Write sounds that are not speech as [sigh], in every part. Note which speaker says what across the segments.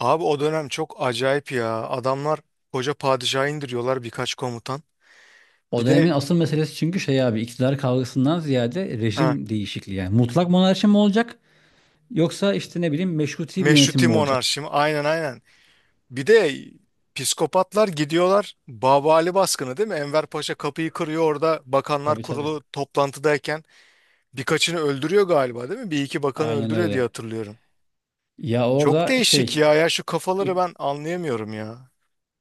Speaker 1: Abi o dönem çok acayip ya. Adamlar koca padişahı indiriyorlar birkaç komutan.
Speaker 2: O
Speaker 1: Bir de
Speaker 2: dönemin asıl meselesi çünkü şey abi iktidar kavgasından ziyade
Speaker 1: ha,
Speaker 2: rejim değişikliği. Yani mutlak monarşi mi olacak yoksa işte ne bileyim meşruti bir yönetim
Speaker 1: meşruti
Speaker 2: mi olacak?
Speaker 1: monarşi mi? Aynen aynen. Bir de psikopatlar gidiyorlar. Baba Ali baskını değil mi? Enver Paşa kapıyı kırıyor orada. Bakanlar
Speaker 2: Tabii tabii.
Speaker 1: Kurulu toplantıdayken birkaçını öldürüyor galiba değil mi? Bir iki bakanı
Speaker 2: Aynen
Speaker 1: öldürüyor diye
Speaker 2: öyle.
Speaker 1: hatırlıyorum.
Speaker 2: Ya
Speaker 1: Çok
Speaker 2: orada
Speaker 1: değişik
Speaker 2: şey
Speaker 1: ya. Ya şu
Speaker 2: dur
Speaker 1: kafaları ben anlayamıyorum ya.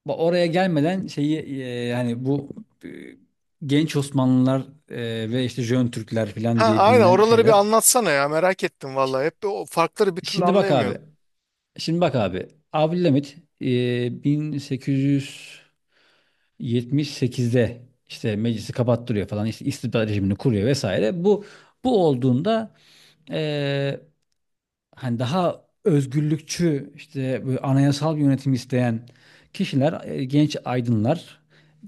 Speaker 2: oraya gelmeden şeyi yani bu e, genç Osmanlılar e, ve işte Jön Türkler falan
Speaker 1: Ha,
Speaker 2: diye
Speaker 1: aynen,
Speaker 2: bilinen
Speaker 1: oraları bir
Speaker 2: şeyler.
Speaker 1: anlatsana ya. Merak ettim
Speaker 2: Ş-
Speaker 1: vallahi. Hep o farkları bir türlü
Speaker 2: Şimdi bak abi.
Speaker 1: anlayamıyorum.
Speaker 2: Şimdi bak abi. Abdülhamit 1800 78'de işte meclisi kapattırıyor falan işte istibdat rejimini kuruyor vesaire. Bu olduğunda eee, hani daha özgürlükçü işte böyle anayasal bir yönetim isteyen kişiler, genç aydınlar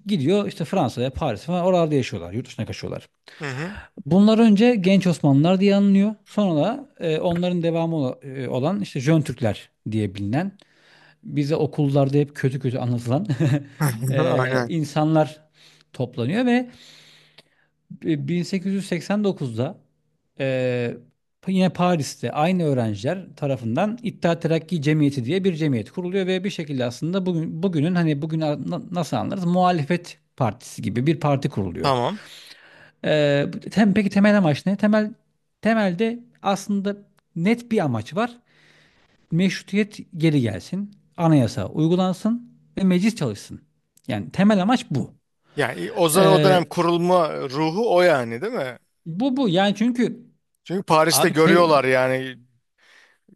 Speaker 2: gidiyor işte Fransa'ya, Paris'e falan oralarda yaşıyorlar, yurt dışına kaçıyorlar.
Speaker 1: Hı hı.
Speaker 2: Bunlar önce genç Osmanlılar diye anılıyor. Sonra da onların devamı olan işte Jön Türkler diye bilinen bize okullarda hep kötü kötü anlatılan [laughs]
Speaker 1: [laughs] Aynen.
Speaker 2: insanlar toplanıyor ve 1889'da eee, yine Paris'te aynı öğrenciler tarafından İttihat Terakki Cemiyeti diye bir cemiyet kuruluyor ve bir şekilde aslında bugünün hani bugün nasıl anlarız muhalefet partisi gibi bir parti kuruluyor.
Speaker 1: Tamam.
Speaker 2: Peki temel amaç ne? Temelde aslında net bir amaç var: meşrutiyet geri gelsin, anayasa uygulansın ve meclis çalışsın. Yani temel amaç bu.
Speaker 1: Yani o dönem
Speaker 2: Ee,
Speaker 1: kurulma ruhu o yani değil mi?
Speaker 2: bu yani çünkü
Speaker 1: Çünkü Paris'te
Speaker 2: abi te-
Speaker 1: görüyorlar yani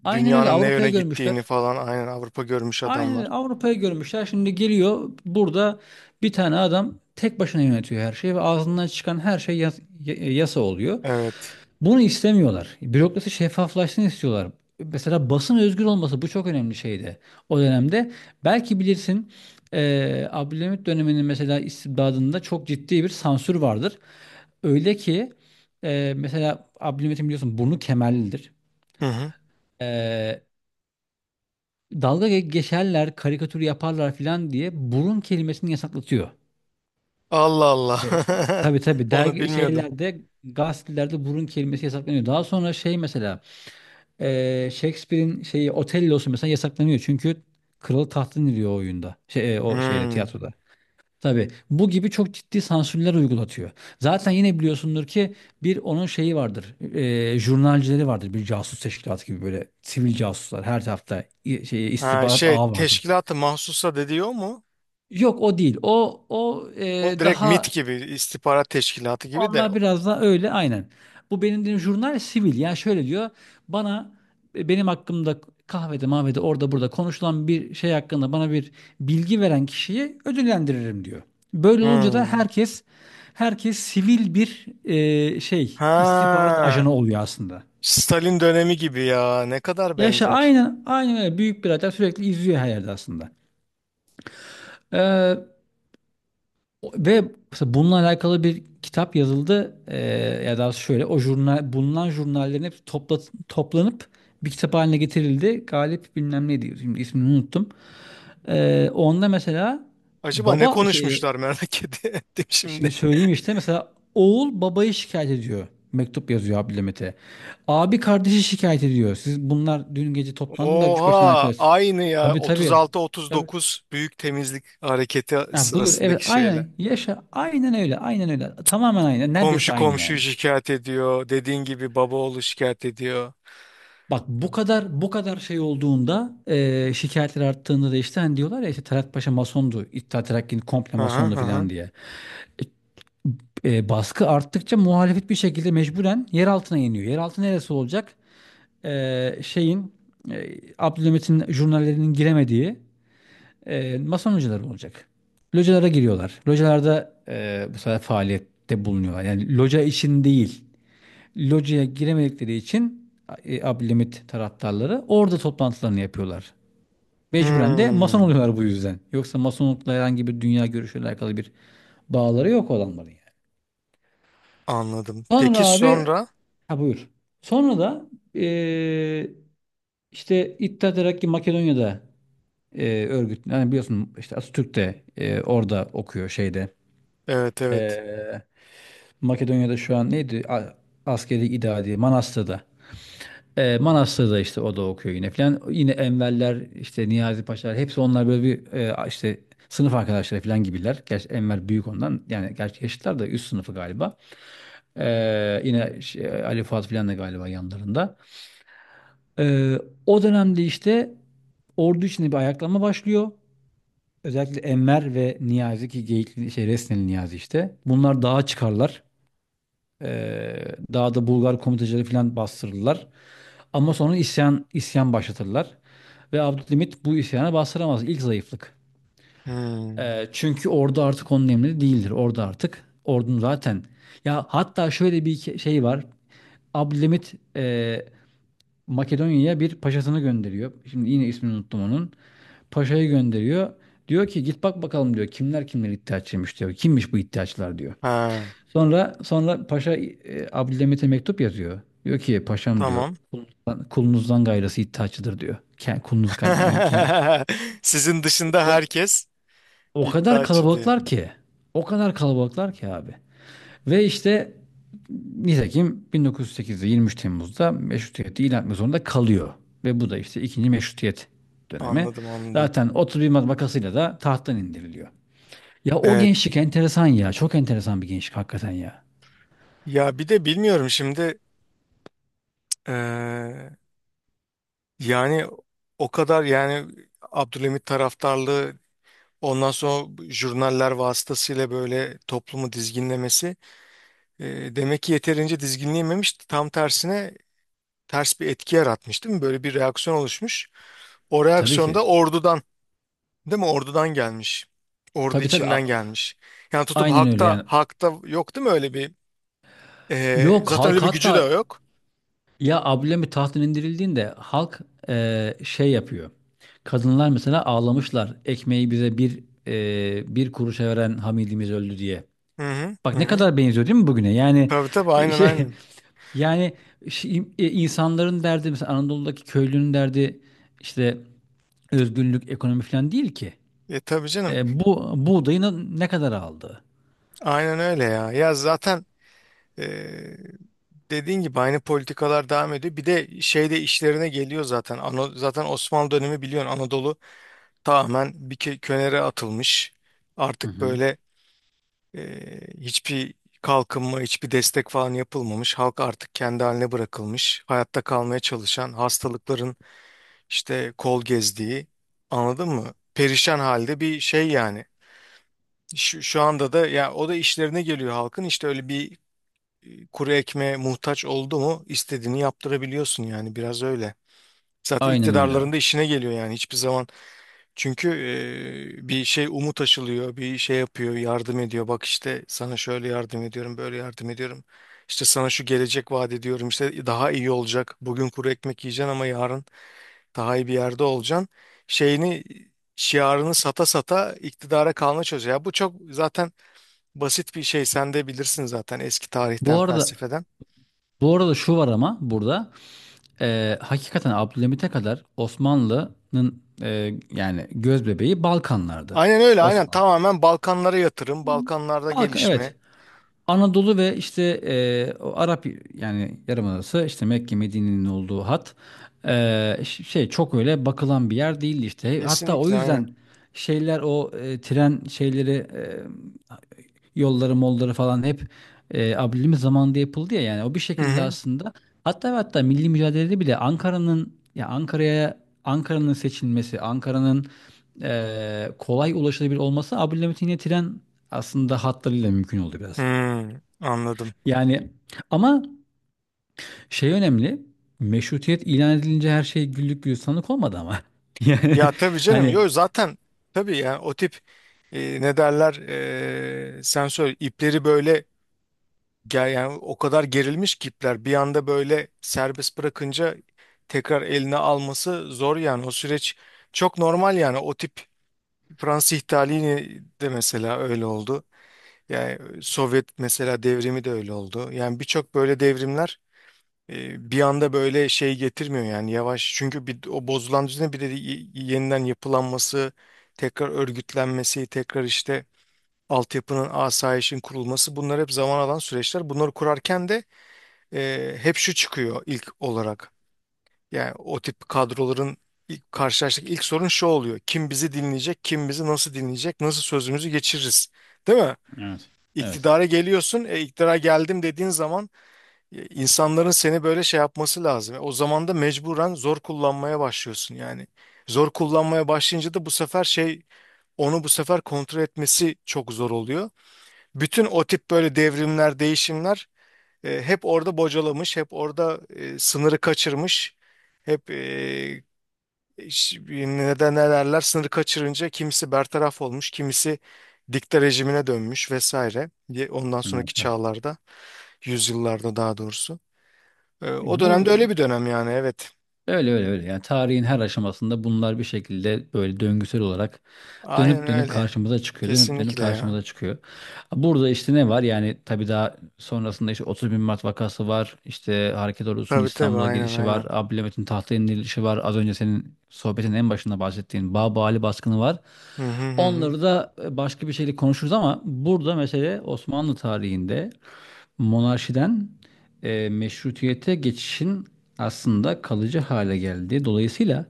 Speaker 2: aynen öyle
Speaker 1: dünyanın ne yöne
Speaker 2: Avrupa'yı
Speaker 1: gittiğini
Speaker 2: görmüşler.
Speaker 1: falan. Aynen Avrupa görmüş
Speaker 2: Aynen
Speaker 1: adamlar.
Speaker 2: öyle Avrupa'yı görmüşler. Şimdi geliyor burada bir tane adam tek başına yönetiyor her şeyi ve ağzından çıkan her şey yasa oluyor.
Speaker 1: Evet.
Speaker 2: Bunu istemiyorlar. Bürokrasi şeffaflaşsın istiyorlar. Mesela basın özgür olması bu çok önemli şeydi o dönemde. Belki bilirsin Abdülhamit döneminin mesela istibdadında çok ciddi bir sansür vardır. Öyle ki mesela Abdülhamit'in biliyorsun burnu kemerlidir.
Speaker 1: Hı hı.
Speaker 2: Eee, dalga geçerler, karikatür yaparlar filan diye burun kelimesini yasaklatıyor.
Speaker 1: Allah Allah.
Speaker 2: İşte,
Speaker 1: [laughs]
Speaker 2: tabii tabii
Speaker 1: Onu
Speaker 2: dergi
Speaker 1: bilmiyordum.
Speaker 2: şeylerde gazetelerde burun kelimesi yasaklanıyor. Daha sonra şey mesela Shakespeare'in şeyi Otello'su mesela yasaklanıyor. Çünkü kralı tahttan iniyor o oyunda. Şey, o şeyde
Speaker 1: Hmm.
Speaker 2: tiyatroda. Tabii bu gibi çok ciddi sansürler uygulatıyor. Zaten yine biliyorsundur ki bir onun şeyi vardır. E, jurnalcileri vardır. Bir casus teşkilatı gibi böyle sivil casuslar her tarafta şey
Speaker 1: Ha,
Speaker 2: istihbarat
Speaker 1: şey
Speaker 2: ağı vardır.
Speaker 1: teşkilatı mahsusa dediği o mu?
Speaker 2: Yok o değil. O o
Speaker 1: O
Speaker 2: e,
Speaker 1: direkt MIT
Speaker 2: daha
Speaker 1: gibi istihbarat teşkilatı gibi de.
Speaker 2: Onlar biraz da öyle aynen. Bu benim dediğim jurnal sivil. Yani şöyle diyor. Bana benim hakkımda kahvede mahvede orada burada konuşulan bir şey hakkında bana bir bilgi veren kişiyi ödüllendiririm diyor. Böyle olunca da
Speaker 1: Hmm.
Speaker 2: herkes sivil bir şey istihbarat
Speaker 1: Ha.
Speaker 2: ajanı oluyor aslında.
Speaker 1: Stalin dönemi gibi ya. Ne kadar
Speaker 2: Yaşa
Speaker 1: benzer.
Speaker 2: aynen aynen öyle, büyük birader sürekli izliyor her yerde aslında. Ee, Ve mesela bununla alakalı bir kitap yazıldı. Ya da şöyle o jurnal bulunan jurnallerin hepsi toplanıp bir kitap haline getirildi. Galip bilmem ne diyor. Şimdi ismini unuttum. Onda mesela
Speaker 1: Acaba ne
Speaker 2: baba şey
Speaker 1: konuşmuşlar merak [laughs] ettim şimdi.
Speaker 2: şimdi söyleyeyim işte mesela oğul babayı şikayet ediyor. Mektup yazıyor Abdülhamit'e. Abi kardeşi şikayet ediyor. Siz bunlar dün gece toplandınız da üç beş tane
Speaker 1: Oha
Speaker 2: arkadaş.
Speaker 1: aynı ya,
Speaker 2: Tabii tabii. Tabii.
Speaker 1: 36-39 büyük temizlik hareketi
Speaker 2: Ya buyur evet
Speaker 1: sırasındaki şeyler.
Speaker 2: aynen yaşa aynen öyle aynen öyle tamamen aynı neredeyse
Speaker 1: Komşu
Speaker 2: aynı
Speaker 1: komşuyu
Speaker 2: yani.
Speaker 1: şikayet ediyor. Dediğin gibi baba oğlu şikayet ediyor.
Speaker 2: Bak bu kadar şey olduğunda, şikayetler arttığında da işte hani diyorlar ya işte Talat Paşa masondu, İttihat Terakki'nin komple
Speaker 1: Aha,
Speaker 2: masondu
Speaker 1: aha.
Speaker 2: filan diye. Baskı arttıkça muhalefet bir şekilde mecburen yer altına iniyor. Yer altı neresi olacak? Şeyin Abdülhamit'in jurnallerinin giremediği mason hocaları olacak. Localara giriyorlar. Localarda bu sefer faaliyette bulunuyorlar. Yani loca için değil, locaya giremedikleri için Abdülhamit taraftarları orada toplantılarını yapıyorlar. Mecburen de mason
Speaker 1: Hmm,
Speaker 2: oluyorlar bu yüzden. Yoksa masonlukla, herhangi bir dünya görüşüyle alakalı bir bağları yok olanların yani.
Speaker 1: anladım.
Speaker 2: Sonra
Speaker 1: Peki
Speaker 2: abi
Speaker 1: sonra?
Speaker 2: ha buyur. Sonra da e, işte İttihat Terakki Makedonya'da örgüt. Yani biliyorsun işte Atatürk de orada okuyor şeyde.
Speaker 1: Evet evet.
Speaker 2: E, Makedonya'da şu an neydi? Askeri idadi Manastır'da. Manastır'da işte o da okuyor yine falan. Yine Enverler, işte Niyazi Paşalar, hepsi onlar böyle bir işte sınıf arkadaşları falan gibiler. Gerçi Enver büyük ondan yani, gerçi yaşlılar da üst sınıfı galiba. Yine şey, Ali Fuat falan da galiba yanlarında. E, o dönemde işte ordu içinde bir ayaklanma başlıyor. Özellikle Enver ve Niyazi ki Geyikli, şey Resneli Niyazi işte. Bunlar dağa çıkarlar. Ee, daha da Bulgar komitacıları falan bastırırlar. Ama sonra isyan isyan başlatırlar. Ve Abdülhamit bu isyana bastıramaz. İlk zayıflık.
Speaker 1: Hmm.
Speaker 2: Çünkü orada artık onun emri değildir. Orada artık ordunun zaten. Ya hatta şöyle bir şey var. Abdülhamit Makedonya'ya bir paşasını gönderiyor. Şimdi yine ismini unuttum onun. Paşayı gönderiyor. Diyor ki git bak bakalım diyor. Kimler kimler iddiaçıymış diyor. Kimmiş bu iddiaçılar diyor.
Speaker 1: Ha,
Speaker 2: Sonra Paşa Abdülhamit'e mektup yazıyor. Diyor ki paşam diyor,
Speaker 1: tamam.
Speaker 2: kulunuzdan gayrısı iddiaçıdır diyor. Kulunuz kadar yani
Speaker 1: [laughs] Sizin
Speaker 2: o
Speaker 1: dışında
Speaker 2: ka-
Speaker 1: herkes
Speaker 2: o kadar
Speaker 1: iddiaçı diye.
Speaker 2: kalabalıklar ki. O kadar kalabalıklar ki abi. Ve işte nitekim 1908'de 23 Temmuz'da meşrutiyeti ilan etmek zorunda kalıyor. Ve bu da işte ikinci meşrutiyet dönemi.
Speaker 1: Anladım anladım.
Speaker 2: Zaten 31 Mart vakasıyla da tahttan indiriliyor. Ya o
Speaker 1: Evet.
Speaker 2: gençlik enteresan ya. Çok enteresan bir gençlik hakikaten ya.
Speaker 1: Ya bir de bilmiyorum şimdi, eee, yani o kadar yani Abdülhamit taraftarlığı ondan sonra jurnaller vasıtasıyla böyle toplumu dizginlemesi, e, demek ki yeterince dizginleyememiş, tam tersine ters bir etki yaratmış değil mi? Böyle bir reaksiyon oluşmuş. O
Speaker 2: Tabii
Speaker 1: reaksiyon
Speaker 2: ki.
Speaker 1: da ordudan değil mi? Ordudan gelmiş. Ordu
Speaker 2: Tabii tabii.
Speaker 1: içinden gelmiş. Yani tutup
Speaker 2: Aynen öyle
Speaker 1: hakta
Speaker 2: yani.
Speaker 1: hakta yok değil mi, öyle bir
Speaker 2: Yok
Speaker 1: zaten
Speaker 2: halk
Speaker 1: öyle bir gücü de
Speaker 2: hatta,
Speaker 1: yok.
Speaker 2: ya Abdülhamit tahttan indirildiğinde halk şey yapıyor. Kadınlar mesela ağlamışlar. Ekmeği bize bir kuruşa veren Hamidimiz öldü diye.
Speaker 1: Hı hı. Hı
Speaker 2: Bak ne
Speaker 1: hı.
Speaker 2: kadar benziyor değil mi bugüne? Yani
Speaker 1: Tabii tabii aynen
Speaker 2: şey [laughs]
Speaker 1: aynen.
Speaker 2: yani şey, insanların derdi, mesela Anadolu'daki köylünün derdi işte özgürlük, ekonomi falan değil ki.
Speaker 1: E tabii canım.
Speaker 2: E, bu buğdayını ne kadar aldı?
Speaker 1: Aynen öyle ya. Ya zaten, Ee, dediğin gibi aynı politikalar devam ediyor. Bir de şey de işlerine geliyor zaten. Zaten Osmanlı dönemi biliyorsun Anadolu tamamen bir könere atılmış.
Speaker 2: Hı
Speaker 1: Artık
Speaker 2: hı.
Speaker 1: böyle e, hiçbir kalkınma, hiçbir destek falan yapılmamış. Halk artık kendi haline bırakılmış. Hayatta kalmaya çalışan, hastalıkların işte kol gezdiği, anladın mı? Perişan halde bir şey yani. Şu anda da ya o da işlerine geliyor halkın. İşte öyle bir kuru ekmeğe muhtaç oldu mu istediğini yaptırabiliyorsun yani biraz öyle. Zaten
Speaker 2: Aynen öyle abi.
Speaker 1: iktidarlarında işine geliyor yani hiçbir zaman. Çünkü bir şey umut aşılıyor, bir şey yapıyor, yardım ediyor. Bak işte sana şöyle yardım ediyorum, böyle yardım ediyorum. İşte sana şu gelecek vaat ediyorum. İşte daha iyi olacak. Bugün kuru ekmek yiyeceksin ama yarın daha iyi bir yerde olacaksın. Şeyini şiarını sata sata iktidara kalma çalışıyor. Ya bu çok zaten basit bir şey. Sen de bilirsin zaten eski tarihten,
Speaker 2: Bu arada
Speaker 1: felsefeden.
Speaker 2: Bu arada şu var ama burada, hakikaten Abdülhamit'e kadar Osmanlı'nın yani göz bebeği Balkanlardı.
Speaker 1: Aynen öyle aynen,
Speaker 2: Osmanlı.
Speaker 1: tamamen Balkanlara yatırım, Balkanlarda
Speaker 2: Balkan
Speaker 1: gelişme.
Speaker 2: evet. Anadolu ve işte o Arap yani Yarımadası, işte Mekke Medine'nin olduğu hat, şey çok öyle bakılan bir yer değildi işte. Hatta o
Speaker 1: Kesinlikle aynen.
Speaker 2: yüzden şeyler o tren şeyleri, yolları molları falan hep Abdülhamit zamanında yapıldı ya yani, o bir
Speaker 1: Hı
Speaker 2: şekilde
Speaker 1: hı.
Speaker 2: aslında hatta ve hatta milli mücadelede bile Ankara'ya Ankara'nın seçilmesi, Ankara'nın kolay ulaşılabilir olması Abdülhamit'in yine tren aslında hatlarıyla mümkün oldu biraz.
Speaker 1: Hmm, anladım.
Speaker 2: Yani ama şey önemli. Meşrutiyet ilan edilince her şey güllük gülistanlık olmadı ama. [laughs] Yani
Speaker 1: Ya tabii canım
Speaker 2: hani,
Speaker 1: yok zaten, tabii yani o tip ne derler, sen söyle ipleri böyle gel, yani o kadar gerilmiş ki ipler, bir anda böyle serbest bırakınca tekrar eline alması zor yani o süreç çok normal, yani o tip Fransız ihtalini de mesela öyle oldu. Yani Sovyet mesela devrimi de öyle oldu. Yani birçok böyle devrimler bir anda böyle şey getirmiyor yani, yavaş. Çünkü bir, o bozulan düzenin bir de yeniden yapılanması, tekrar örgütlenmesi, tekrar işte altyapının, asayişin kurulması, bunlar hep zaman alan süreçler. Bunları kurarken de hep şu çıkıyor ilk olarak. Yani o tip kadroların ilk, karşılaştık ilk sorun şu oluyor. Kim bizi dinleyecek, kim bizi nasıl dinleyecek, nasıl sözümüzü geçiririz. Değil mi?
Speaker 2: evet. Evet.
Speaker 1: İktidara geliyorsun, iktidara geldim dediğin zaman insanların seni böyle şey yapması lazım. E, o zaman da mecburen zor kullanmaya başlıyorsun yani. Zor kullanmaya başlayınca da bu sefer şey, onu bu sefer kontrol etmesi çok zor oluyor. Bütün o tip böyle devrimler, değişimler hep orada bocalamış, hep orada sınırı kaçırmış. Hep neden ne derler, sınırı kaçırınca kimisi bertaraf olmuş, kimisi dikta rejimine dönmüş vesaire. Ondan
Speaker 2: Evet.
Speaker 1: sonraki
Speaker 2: Evet.
Speaker 1: çağlarda, yüzyıllarda daha doğrusu. O dönemde
Speaker 2: Bu
Speaker 1: öyle bir dönem yani, evet.
Speaker 2: Öyle öyle öyle. Yani tarihin her aşamasında bunlar bir şekilde böyle döngüsel olarak
Speaker 1: Aynen
Speaker 2: dönüp dönüp
Speaker 1: öyle.
Speaker 2: karşımıza çıkıyor. Dönüp dönüp
Speaker 1: Kesinlikle ya.
Speaker 2: karşımıza çıkıyor. Burada işte ne var? Yani tabii daha sonrasında işte 30 bin Mart vakası var. İşte Hareket Ordusu'nun
Speaker 1: Tabii tabii
Speaker 2: İstanbul'a
Speaker 1: aynen
Speaker 2: girişi var.
Speaker 1: aynen.
Speaker 2: Abdülhamit'in tahta indirilişi var. Az önce senin sohbetin en başında bahsettiğin Babı baskını var.
Speaker 1: Hı hı hı, hı.
Speaker 2: Onları da başka bir şeyle konuşuruz ama burada mesele Osmanlı tarihinde monarşiden meşrutiyete geçişin aslında kalıcı hale geldi. Dolayısıyla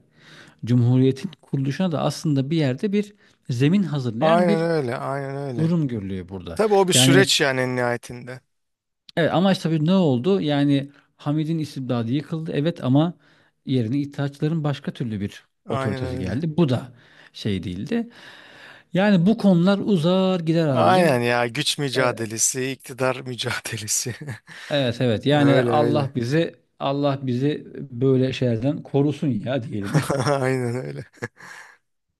Speaker 2: Cumhuriyet'in kuruluşuna da aslında bir yerde bir zemin hazırlayan
Speaker 1: Aynen
Speaker 2: bir
Speaker 1: öyle aynen öyle.
Speaker 2: durum görülüyor burada.
Speaker 1: Tabii o bir
Speaker 2: Yani
Speaker 1: süreç yani en nihayetinde.
Speaker 2: evet, amaç tabii ne oldu? Yani Hamid'in istibdadı yıkıldı evet, ama yerine İttihatçıların başka türlü bir
Speaker 1: Aynen
Speaker 2: otoritesi
Speaker 1: öyle.
Speaker 2: geldi. Bu da şey değildi. Yani bu konular uzar gider
Speaker 1: Aynen
Speaker 2: abicim.
Speaker 1: ya, güç
Speaker 2: E,
Speaker 1: mücadelesi, iktidar mücadelesi.
Speaker 2: Evet evet,
Speaker 1: [laughs]
Speaker 2: yani
Speaker 1: Öyle öyle.
Speaker 2: Allah bizi böyle şeylerden korusun ya diyelim.
Speaker 1: [laughs] Aynen öyle.